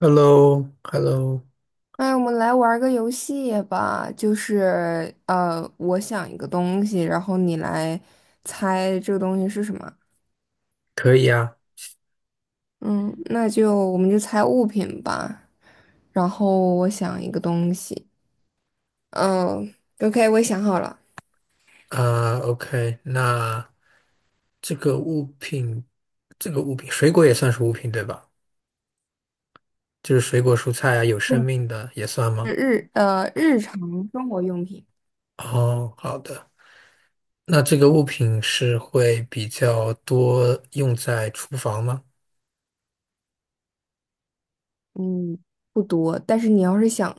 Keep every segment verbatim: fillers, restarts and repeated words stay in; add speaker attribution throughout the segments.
Speaker 1: h e l l o hello
Speaker 2: 哎，我们来玩个游戏吧，就是呃，我想一个东西，然后你来猜这个东西是什么。
Speaker 1: 可以啊。
Speaker 2: 嗯，那就我们就猜物品吧。然后我想一个东西，嗯，OK，我也想好了，
Speaker 1: 啊，OK、o k 那这个物品，这个物品，水果也算是物品对吧？就是水果、蔬菜啊，有生命的也算吗？
Speaker 2: 是日呃日常生活用品。
Speaker 1: 哦，好的，那这个物品是会比较多用在厨房吗？
Speaker 2: 嗯，不多，但是你要是想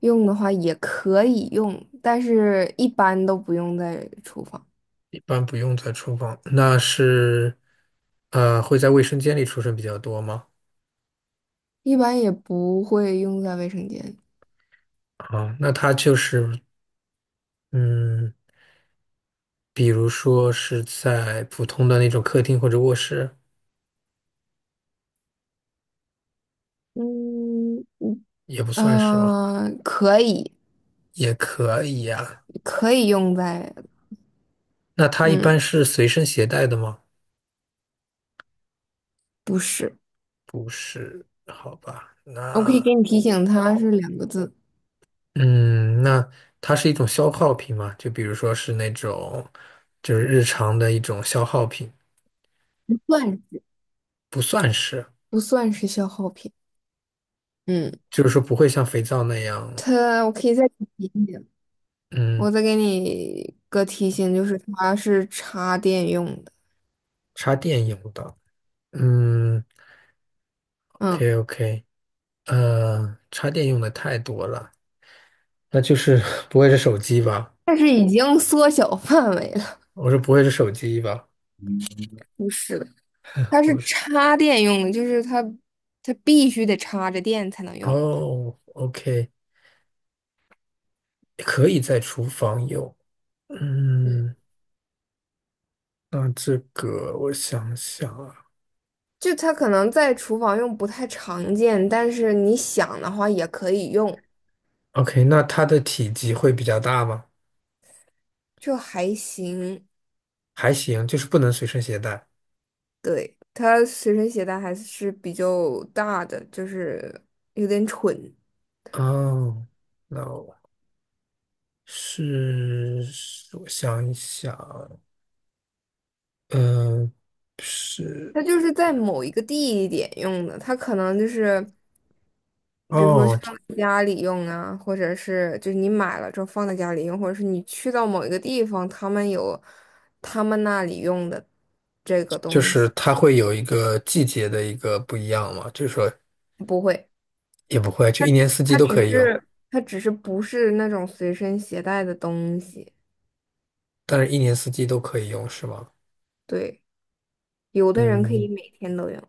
Speaker 2: 用的话也可以用，但是一般都不用在厨房，
Speaker 1: 一般不用在厨房，那是，呃，会在卫生间里出现比较多吗？
Speaker 2: 一般也不会用在卫生间。
Speaker 1: 啊，那它就是，嗯，比如说是在普通的那种客厅或者卧室。
Speaker 2: 嗯，
Speaker 1: 也不算是吗？
Speaker 2: 呃，可以，
Speaker 1: 也可以呀、
Speaker 2: 可以用在，
Speaker 1: 那它一
Speaker 2: 嗯，
Speaker 1: 般是随身携带的吗？
Speaker 2: 不是，
Speaker 1: 不是，好吧。
Speaker 2: 我可以
Speaker 1: 那
Speaker 2: 给你提醒，它是两个字，
Speaker 1: 嗯，那它是一种消耗品吗？就比如说是那种，就是日常的一种消耗品，
Speaker 2: 不算
Speaker 1: 不算是，
Speaker 2: 不算是消耗品。嗯，
Speaker 1: 就是说不会像肥皂那样，
Speaker 2: 它，我可以再给你提醒，
Speaker 1: 嗯，
Speaker 2: 我再给你个提醒，就是它是插电用的。
Speaker 1: 插电用的。嗯
Speaker 2: 嗯，
Speaker 1: ，OK OK,呃，插电用的太多了，那就是 不会是手机吧？
Speaker 2: 但是已经缩小范围了，
Speaker 1: 我说不会是手机吧？
Speaker 2: 不是的。它是
Speaker 1: 不是。
Speaker 2: 插电用的，就是它，它必须得插着电才能用。
Speaker 1: 哦，O K,可以在厨房用，
Speaker 2: 嗯。
Speaker 1: 嗯，那这个我想想啊
Speaker 2: 就它可能在厨房用不太常见，但是你想的话也可以用，
Speaker 1: ，OK,那它的体积会比较大吗？
Speaker 2: 就还行。
Speaker 1: 还行，就是不能随身携带。
Speaker 2: 对，它随身携带还是比较大的，就是有点蠢。
Speaker 1: 哦，那我是，我想一想，嗯、是，
Speaker 2: 它就是在某一个地点用的，它可能就是比如说
Speaker 1: 哦，
Speaker 2: 放在家里用啊，或者是就是你买了之后放在家里用，或者是你去到某一个地方，他们有他们那里用的这个
Speaker 1: 就
Speaker 2: 东
Speaker 1: 是
Speaker 2: 西。
Speaker 1: 它会有一个季节的一个不一样嘛，就是说
Speaker 2: 不会。
Speaker 1: 也不会，就一年四季
Speaker 2: 它
Speaker 1: 都可
Speaker 2: 只
Speaker 1: 以用，
Speaker 2: 是它只是不是那种随身携带的东西。
Speaker 1: 但是一年四季都可以用是吗？
Speaker 2: 对，有的人可以
Speaker 1: 嗯，
Speaker 2: 每天都用。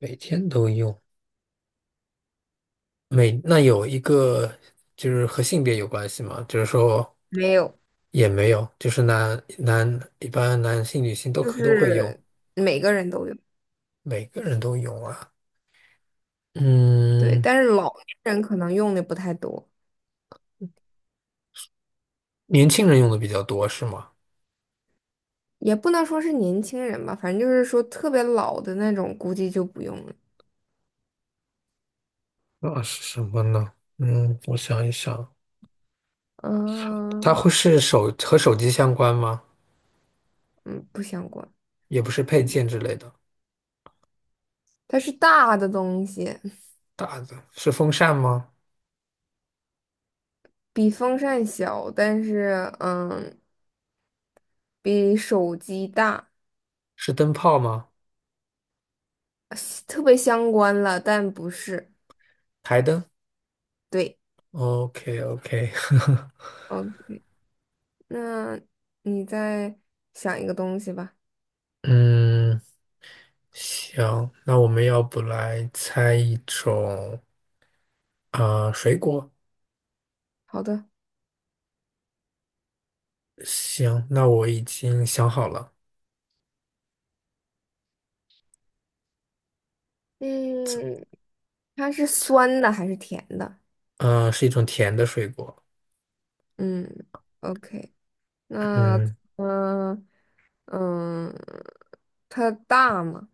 Speaker 1: 每天都用。每那有一个就是和性别有关系吗？就是说
Speaker 2: 没有，
Speaker 1: 也没有，就是男男一般男性女性都
Speaker 2: 就
Speaker 1: 可都会用，
Speaker 2: 是每个人都用。
Speaker 1: 每个人都用啊。
Speaker 2: 对，
Speaker 1: 嗯，
Speaker 2: 但是老年人可能用的不太多，
Speaker 1: 年轻人用的比较多是吗？
Speaker 2: 也不能说是年轻人吧，反正就是说特别老的那种，估计就不用了。
Speaker 1: 那是什么呢？嗯，我想一想，它
Speaker 2: 嗯
Speaker 1: 会是手和手机相关吗？
Speaker 2: 嗯，不相关，
Speaker 1: 也不是配件之类的。
Speaker 2: 它是大的东西，
Speaker 1: 大的是风扇吗？
Speaker 2: 比风扇小，但是嗯，比手机大，
Speaker 1: 是灯泡吗？
Speaker 2: 特别相关了，但不是。
Speaker 1: 台灯
Speaker 2: 对，
Speaker 1: ？OK OK,
Speaker 2: 嗯。那你再想一个东西吧。
Speaker 1: 嗯。行，那我们要不来猜一种啊、呃水果？
Speaker 2: 好的，
Speaker 1: 行，那我已经想好了，
Speaker 2: 嗯，它是酸的还是甜的？
Speaker 1: 呃，是一种甜的水果。
Speaker 2: 嗯，OK，那
Speaker 1: 嗯，
Speaker 2: 嗯嗯，它大吗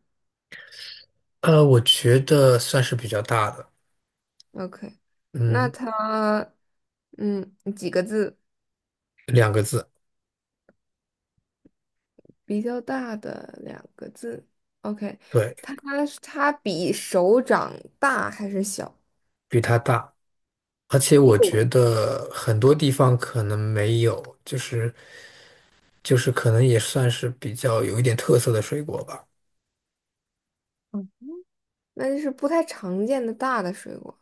Speaker 1: 呃，我觉得算是比较大的，
Speaker 2: ？OK,那
Speaker 1: 嗯，
Speaker 2: 它嗯几个字？
Speaker 1: 两个字，
Speaker 2: 比较大的两个字。OK,
Speaker 1: 对，
Speaker 2: 它它比手掌大还是小？
Speaker 1: 比它大，而且我
Speaker 2: 有，
Speaker 1: 觉得很多地方可能没有，就是就是可能也算是比较有一点特色的水果吧，
Speaker 2: 那就是不太常见的大的水果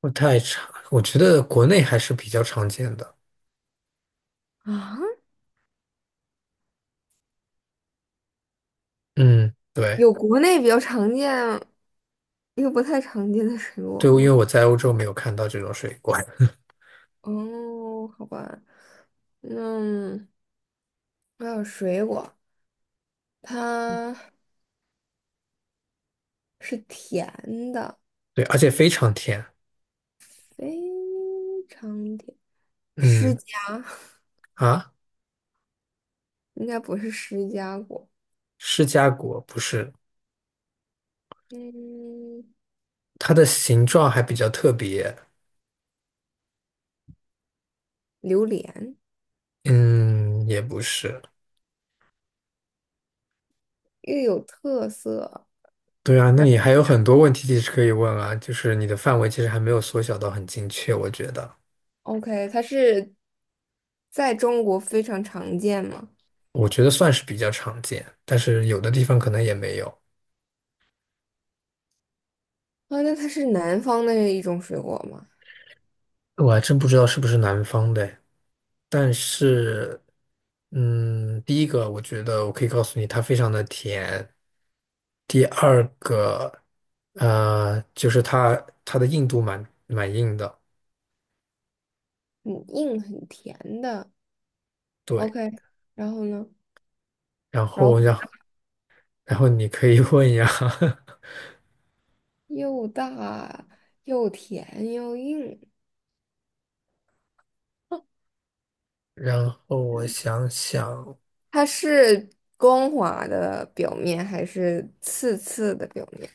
Speaker 1: 不太常，我觉得国内还是比较常见的。
Speaker 2: 啊。
Speaker 1: 嗯，对。
Speaker 2: 有国内比较常见，又不太常见的水
Speaker 1: 对，
Speaker 2: 果
Speaker 1: 因为
Speaker 2: 吗？
Speaker 1: 我在欧洲没有看到这种水果，
Speaker 2: 哦，好吧，那还有水果，它是甜的，
Speaker 1: 对，而且非常甜。
Speaker 2: 非常甜。释
Speaker 1: 嗯，
Speaker 2: 迦
Speaker 1: 啊，
Speaker 2: 应该不是释迦果，
Speaker 1: 释迦果不是，
Speaker 2: 嗯，
Speaker 1: 它的形状还比较特别。
Speaker 2: 榴莲
Speaker 1: 嗯，也不是。
Speaker 2: 又有特色，
Speaker 1: 对啊，那
Speaker 2: 然后
Speaker 1: 你还有很多问题其实可以问啊，就是你的范围其实还没有缩小到很精确，我觉得，
Speaker 2: OK,它是在中国非常常见吗？
Speaker 1: 我觉得算是比较常见，但是有的地方可能也没有。
Speaker 2: 啊，那它是南方的一种水果吗？
Speaker 1: 我还真不知道是不是南方的。但是，嗯，第一个我觉得我可以告诉你，它非常的甜。第二个，呃，就是它它的硬度蛮蛮硬的，
Speaker 2: 很硬很甜的。
Speaker 1: 对。
Speaker 2: OK,然后呢？
Speaker 1: 然
Speaker 2: 然后
Speaker 1: 后
Speaker 2: 很
Speaker 1: 让
Speaker 2: 大
Speaker 1: 然后你可以 问呀，
Speaker 2: 又大又甜又硬，
Speaker 1: 然后我想想，
Speaker 2: 它是光滑的表面还是刺刺的表面？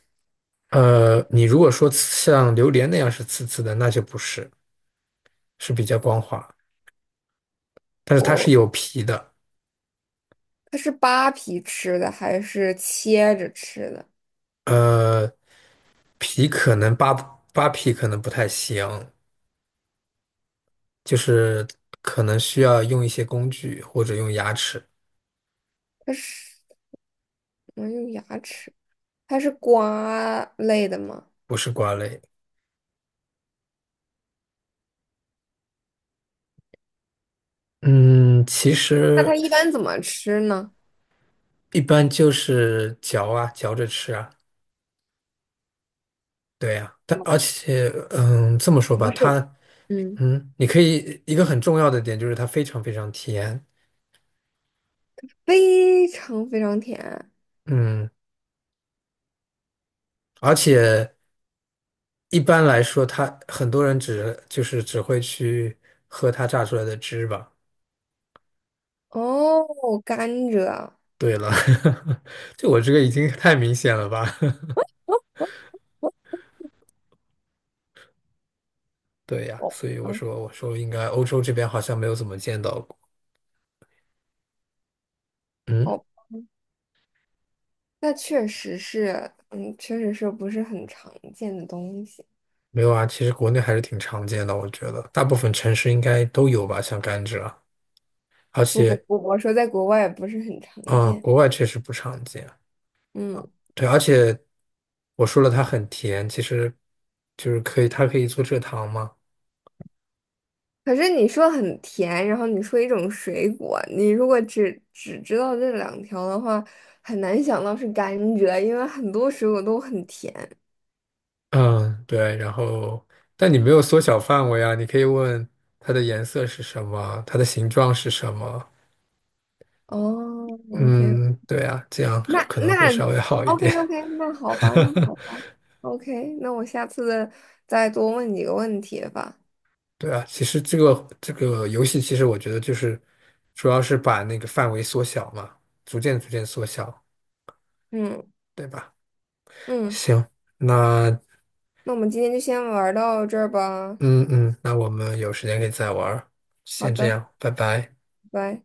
Speaker 1: 呃，你如果说像榴莲那样是刺刺的，那就不是，是比较光滑，但是它是
Speaker 2: 我
Speaker 1: 有皮的，
Speaker 2: 它是扒皮吃的还是切着吃的？
Speaker 1: 呃，皮可能扒扒皮可能不太行。就是可能需要用一些工具或者用牙齿，
Speaker 2: 它是怎么用牙齿？它是瓜类的吗？
Speaker 1: 不是瓜类。嗯，其
Speaker 2: 那
Speaker 1: 实
Speaker 2: 它一般怎么吃呢？
Speaker 1: 一般就是嚼啊，嚼着吃啊，对呀、但而
Speaker 2: 有
Speaker 1: 且，嗯，这么说吧，
Speaker 2: 不是，
Speaker 1: 它，
Speaker 2: 嗯，
Speaker 1: 嗯，你可以一个很重要的点就是它非常非常甜，
Speaker 2: 非常非常甜。
Speaker 1: 嗯，而且一般来说，它很多人只就是只会去喝它榨出来的汁吧。
Speaker 2: 哦，甘蔗。
Speaker 1: 对了，就我这个已经太明显了吧？对呀，
Speaker 2: 哦，
Speaker 1: 所以我
Speaker 2: 嗯，
Speaker 1: 说我说应该欧洲这边好像没有怎么见到过。嗯，
Speaker 2: 哦，那确实是，嗯，确实是不是很常见的东西。
Speaker 1: 没有啊，其实国内还是挺常见的，我觉得大部分城市应该都有吧，像甘蔗啊，而
Speaker 2: 不不
Speaker 1: 且
Speaker 2: 不，我说在国外也不是很常
Speaker 1: 啊，
Speaker 2: 见。
Speaker 1: 国外确实不常见。
Speaker 2: 嗯，
Speaker 1: 对，而且我说了它很甜，其实就是可以，它可以做蔗糖嘛。
Speaker 2: 可是你说很甜，然后你说一种水果，你如果只只知道这两条的话，很难想到是甘蔗，因为很多水果都很甜。
Speaker 1: 嗯，对，然后但你没有缩小范围啊，你可以问它的颜色是什么，它的形状是什么。
Speaker 2: 哦，OK,
Speaker 1: 嗯，对啊，这样
Speaker 2: 那
Speaker 1: 可能会
Speaker 2: 那
Speaker 1: 稍微好一点。
Speaker 2: OK OK，那好吧，那好吧，OK,那我下次再多问几个问题吧。
Speaker 1: 对啊，其实这个这个游戏，其实我觉得就是主要是把那个范围缩小嘛，逐渐逐渐缩小，
Speaker 2: 嗯
Speaker 1: 对吧？
Speaker 2: 嗯。
Speaker 1: 行，那
Speaker 2: 那我们今天就先玩到这儿吧。
Speaker 1: 嗯嗯，那我们有时间可以再玩儿，
Speaker 2: 好
Speaker 1: 先这
Speaker 2: 的，
Speaker 1: 样，拜拜。
Speaker 2: 拜拜。